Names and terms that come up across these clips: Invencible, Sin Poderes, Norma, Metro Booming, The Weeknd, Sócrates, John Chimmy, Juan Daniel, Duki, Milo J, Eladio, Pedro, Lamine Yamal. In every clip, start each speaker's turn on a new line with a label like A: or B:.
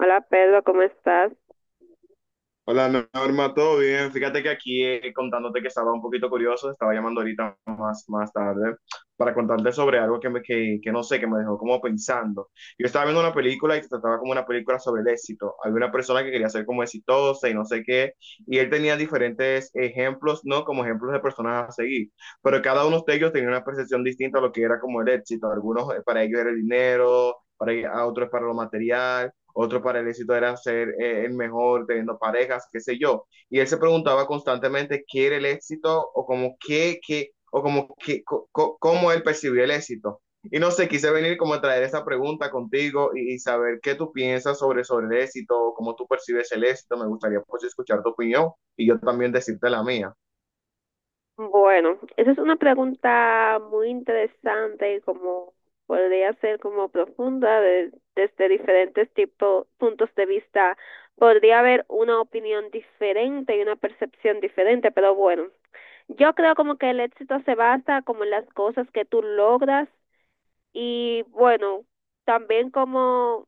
A: Hola Pedro, ¿cómo estás?
B: Hola no, Norma, ¿todo bien? Fíjate que aquí contándote que estaba un poquito curioso, estaba llamando ahorita más tarde para contarte sobre algo que no sé, que me dejó como pensando. Yo estaba viendo una película y se trataba como una película sobre el éxito. Había una persona que quería ser como exitosa y no sé qué, y él tenía diferentes ejemplos, ¿no? Como ejemplos de personas a seguir, pero cada uno de ellos tenía una percepción distinta a lo que era como el éxito. Algunos para ellos era el dinero, para a otros para lo material, otro para el éxito era ser el mejor, teniendo parejas, qué sé yo. Y él se preguntaba constantemente qué era el éxito o como o como cómo él percibía el éxito. Y no sé, quise venir como a traer esa pregunta contigo saber qué tú piensas sobre el éxito, cómo tú percibes el éxito. Me gustaría pues escuchar tu opinión y yo también decirte la mía.
A: Bueno, esa es una pregunta muy interesante y como podría ser como profunda desde diferentes tipos, puntos de vista. Podría haber una opinión diferente y una percepción diferente, pero bueno, yo creo como que el éxito se basa como en las cosas que tú logras y bueno, también como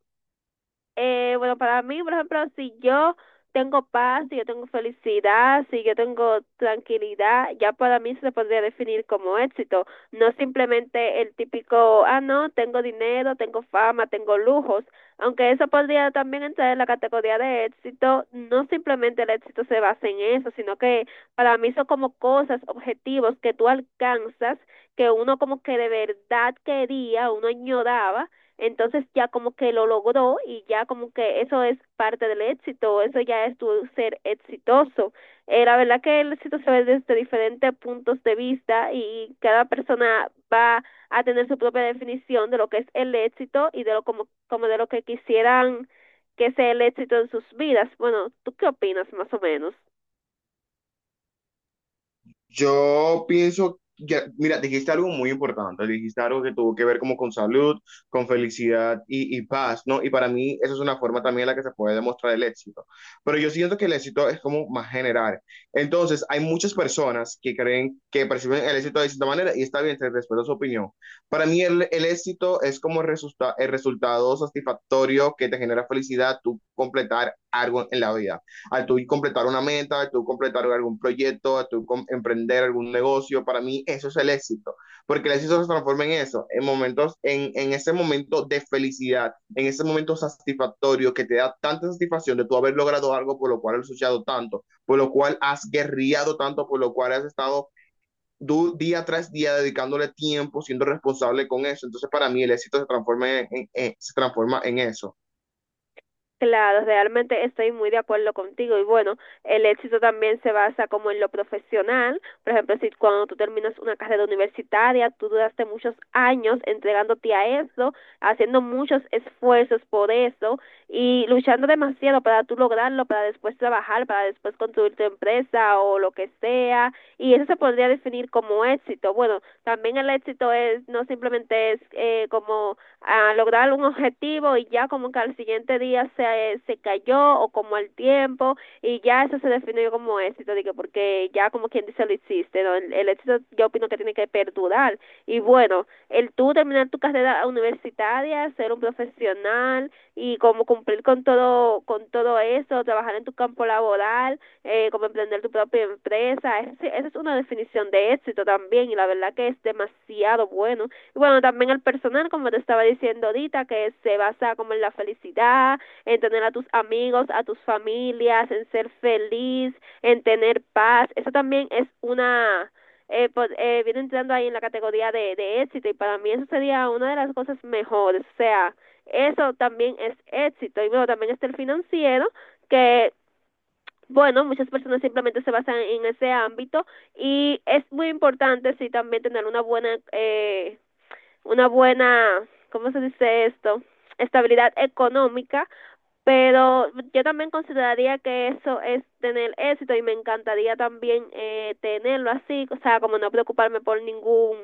A: bueno, para mí, por ejemplo, si yo tengo paz, si yo tengo felicidad, si yo tengo tranquilidad, ya para mí se podría definir como éxito. No simplemente el típico, ah, no, tengo dinero, tengo fama, tengo lujos. Aunque eso podría también entrar en la categoría de éxito, no simplemente el éxito se basa en eso, sino que para mí son como cosas, objetivos que tú alcanzas, que uno como que de verdad quería, uno añoraba, entonces ya como que lo logró y ya como que eso es parte del éxito, eso ya es tu ser exitoso. La verdad que el éxito se ve desde diferentes puntos de vista y cada persona va a tener su propia definición de lo que es el éxito y de lo como, como de lo que quisieran que sea el éxito en sus vidas. Bueno, ¿tú qué opinas más o menos?
B: Yo pienso, ya, mira, dijiste algo muy importante, dijiste algo que tuvo que ver como con salud, con felicidad y paz, ¿no? Y para mí esa es una forma también en la que se puede demostrar el éxito. Pero yo siento que el éxito es como más general. Entonces, hay muchas personas que creen que perciben el éxito de cierta manera y está bien, te respeto su opinión. Para mí el éxito es como el resultado satisfactorio que te genera felicidad, tú completar algo en la vida al tú completar una meta, al tú completar algún proyecto, al tú emprender algún negocio, para mí eso es el éxito, porque el éxito se transforma en eso, en en ese momento de felicidad, en ese momento satisfactorio que te da tanta satisfacción de tú haber logrado algo por lo cual has luchado tanto, por lo cual has guerriado tanto, por lo cual has estado tú día tras día dedicándole tiempo, siendo responsable con eso. Entonces, para mí el éxito se transforma en se transforma en eso.
A: Claro, realmente estoy muy de acuerdo contigo y bueno, el éxito también se basa como en lo profesional, por ejemplo, si cuando tú terminas una carrera universitaria, tú duraste muchos años entregándote a eso, haciendo muchos esfuerzos por eso y luchando demasiado para tú lograrlo, para después trabajar, para después construir tu empresa o lo que sea, y eso se podría definir como éxito. Bueno, también el éxito es no simplemente es como a lograr un objetivo y ya como que al siguiente día se cayó o como al tiempo y ya eso se definió como éxito, digo, porque ya como quien dice lo hiciste, ¿no? El éxito yo opino que tiene que perdurar y bueno, el tú terminar tu carrera universitaria, ser un profesional y como cumplir con todo eso, trabajar en tu campo laboral, como emprender tu propia empresa, esa es una definición de éxito también y la verdad que es demasiado bueno y bueno, también el personal, como te estaba diciendo ahorita, que se basa como en la felicidad, en tener a tus amigos, a tus familias, en ser feliz, en tener paz. Eso también es una, viene entrando ahí en la categoría de éxito y para mí eso sería una de las cosas mejores. O sea, eso también es éxito. Y bueno, también está el financiero, que bueno, muchas personas simplemente se basan en ese ámbito y es muy importante sí también tener una buena, ¿cómo se dice esto? Estabilidad económica, pero yo también consideraría que eso es tener éxito y me encantaría también tenerlo así, o sea, como no preocuparme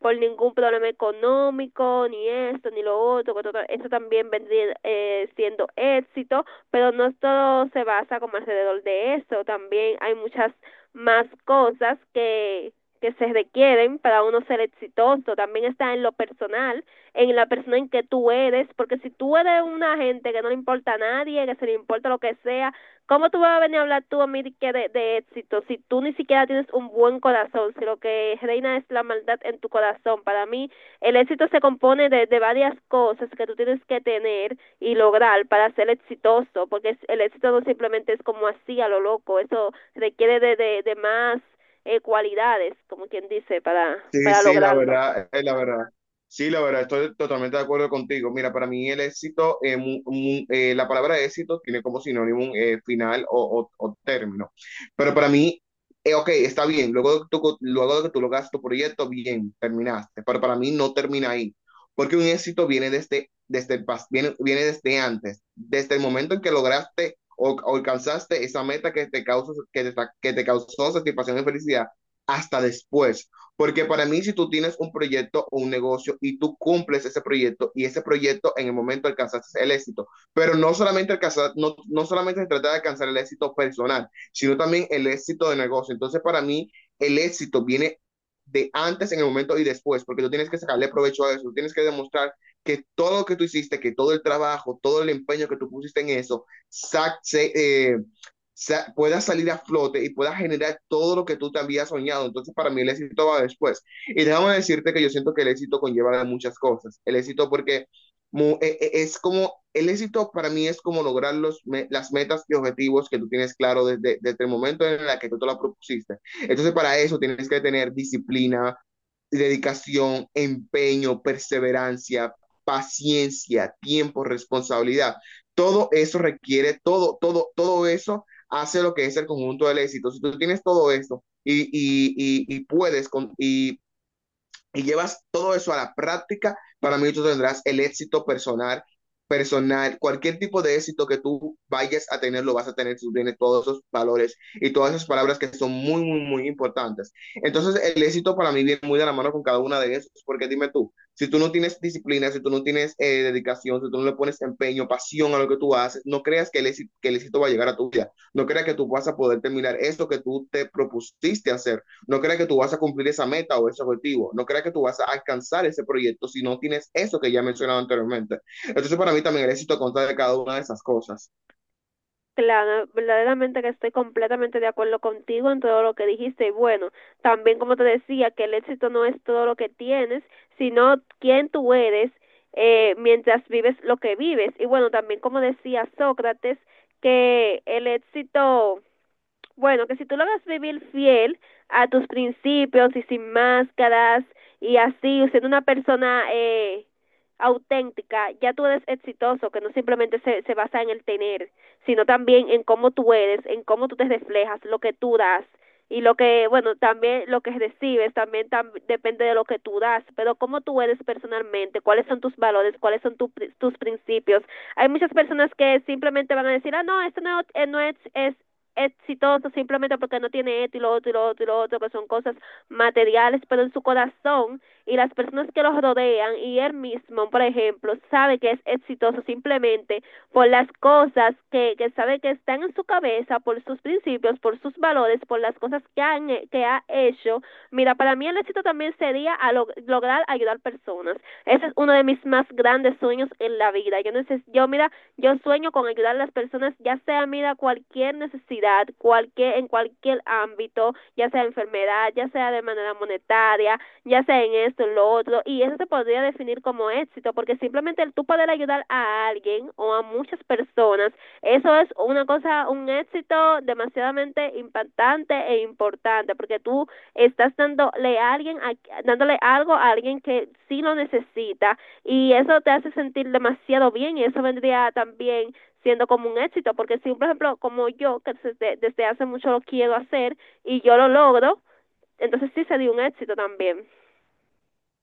A: por ningún problema económico, ni esto, ni lo otro, eso también vendría siendo éxito, pero no todo se basa como alrededor de eso, también hay muchas más cosas que se requieren para uno ser exitoso, también está en lo personal, en la persona en que tú eres, porque si tú eres una gente que no le importa a nadie, que se le importa lo que sea, ¿cómo tú vas a venir a hablar tú a mí de éxito si tú ni siquiera tienes un buen corazón, si lo que reina es la maldad en tu corazón? Para mí, el éxito se compone de varias cosas que tú tienes que tener y lograr para ser exitoso, porque el éxito no simplemente es como así a lo loco, eso requiere de más cualidades, como quien dice,
B: Sí,
A: para
B: sí, la
A: lograrlo.
B: verdad, es la verdad. Sí, la verdad, estoy totalmente de acuerdo contigo. Mira, para mí el éxito, la palabra éxito tiene como sinónimo un final o término. Pero para mí, ok, está bien, luego de que luego de que tú lograste tu proyecto, bien, terminaste. Pero para mí no termina ahí, porque un éxito viene desde el viene desde antes, desde el momento en que lograste o alcanzaste esa meta que te que te causó satisfacción y felicidad, hasta después. Porque para mí, si tú tienes un proyecto o un negocio y tú cumples ese proyecto y ese proyecto en el momento alcanzas el éxito, pero no solamente alcanzar, no, no solamente se trata de alcanzar el éxito personal, sino también el éxito de negocio. Entonces, para mí, el éxito viene de antes en el momento y después, porque tú tienes que sacarle provecho a eso, tú tienes que demostrar que todo lo que tú hiciste, que todo el trabajo, todo el empeño que tú pusiste en eso, eh, puedas salir a flote y puedas generar todo lo que tú te habías soñado. Entonces, para mí el éxito va después. Y déjame decirte que yo siento que el éxito conlleva de muchas cosas. El éxito porque es como, el éxito para mí es como lograr las metas y objetivos que tú tienes claro desde el momento en el que tú te la propusiste. Entonces, para eso tienes que tener disciplina, dedicación, empeño, perseverancia, paciencia, tiempo, responsabilidad. Todo eso requiere, todo eso hace lo que es el conjunto del éxito. Si tú tienes todo esto y y llevas todo eso a la práctica, para mí tú tendrás el éxito personal, cualquier tipo de éxito que tú vayas a tener, lo vas a tener si tú tienes todos esos valores y todas esas palabras que son muy, muy, muy importantes. Entonces, el éxito para mí viene muy de la mano con cada una de esas, porque dime tú, si tú no tienes disciplina, si tú no tienes dedicación, si tú no le pones empeño, pasión a lo que tú haces, no creas que que el éxito va a llegar a tu vida, no creas que tú vas a poder terminar eso que tú te propusiste hacer, no creas que tú vas a cumplir esa meta o ese objetivo. No creas que tú vas a alcanzar ese proyecto si no tienes eso que ya he mencionado anteriormente. Entonces, para mí también el éxito consta de cada una de esas cosas.
A: Claro, verdaderamente que estoy completamente de acuerdo contigo en todo lo que dijiste. Y bueno, también como te decía, que el éxito no es todo lo que tienes, sino quién tú eres mientras vives lo que vives. Y bueno, también como decía Sócrates, que el éxito, bueno, que si tú logras vivir fiel a tus principios y sin máscaras y así, siendo una persona auténtica, ya tú eres exitoso, que no simplemente se basa en el tener, sino también en cómo tú eres, en cómo tú te reflejas, lo que tú das y lo que, bueno, también lo que recibes, también depende de lo que tú das, pero cómo tú eres personalmente, cuáles son tus valores, cuáles son tus principios. Hay muchas personas que simplemente van a decir, ah, no, esto no, no es, es exitoso simplemente porque no tiene esto y lo otro y lo otro y lo otro, que son cosas materiales, pero en su corazón y las personas que los rodean y él mismo, por ejemplo, sabe que es exitoso simplemente por las cosas que sabe que están en su cabeza, por sus principios, por sus valores, por las cosas que ha hecho. Mira, para mí el éxito también sería a lograr ayudar personas. Ese es uno de mis más grandes sueños en la vida. Yo, no sé, yo mira, yo sueño con ayudar a las personas, ya sea, mira, cualquier necesidad, cualquier, en cualquier ámbito, ya sea enfermedad, ya sea de manera monetaria, ya sea en esto, en lo otro, y eso se podría definir como éxito, porque simplemente el tú poder ayudar a alguien o a muchas personas, eso es una cosa, un éxito demasiadamente impactante e importante, porque tú estás dándole a alguien, a, dándole algo a alguien que sí lo necesita y eso te hace sentir demasiado bien y eso vendría también siendo como un éxito porque si por ejemplo como yo que desde hace mucho lo quiero hacer y yo lo logro, entonces sí sería un éxito también.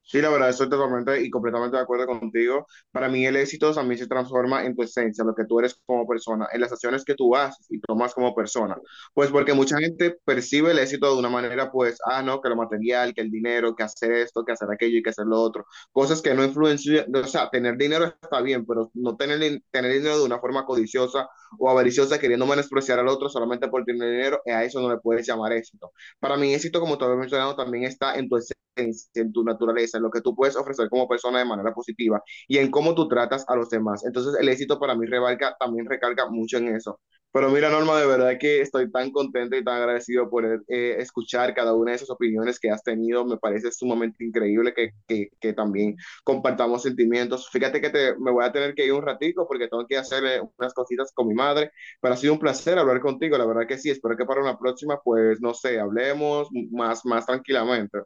B: Sí, la verdad, estoy totalmente y completamente de acuerdo contigo. Para mí el éxito también se transforma en tu esencia, lo que tú eres como persona, en las acciones que tú haces y tomas como persona. Pues porque mucha gente percibe el éxito de una manera, pues, ah, no, que lo material, que el dinero, que hacer esto, que hacer aquello y que hacer lo otro. Cosas que no influencian, o sea, tener dinero está bien, pero no tener, tener dinero de una forma codiciosa o avariciosa, queriendo menospreciar al otro solamente por tener dinero, a eso no le puedes llamar éxito. Para mí éxito, como te había mencionado, también está en tu esencia en tu naturaleza, en lo que tú puedes ofrecer como persona de manera positiva y en cómo tú tratas a los demás. Entonces el éxito para mí revalga, también recarga mucho en eso. Pero mira, Norma, de verdad que estoy tan contento y tan agradecido por escuchar cada una de esas opiniones que has tenido. Me parece sumamente increíble que también compartamos sentimientos. Fíjate me voy a tener que ir un ratico porque tengo que hacer unas cositas con mi madre, pero ha sido un placer hablar contigo. La verdad que sí, espero que para una próxima, pues, no sé, hablemos más tranquilamente.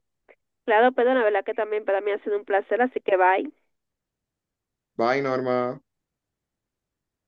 A: Claro, pero la verdad que también para mí ha sido un placer, así que bye.
B: Bye, Norma.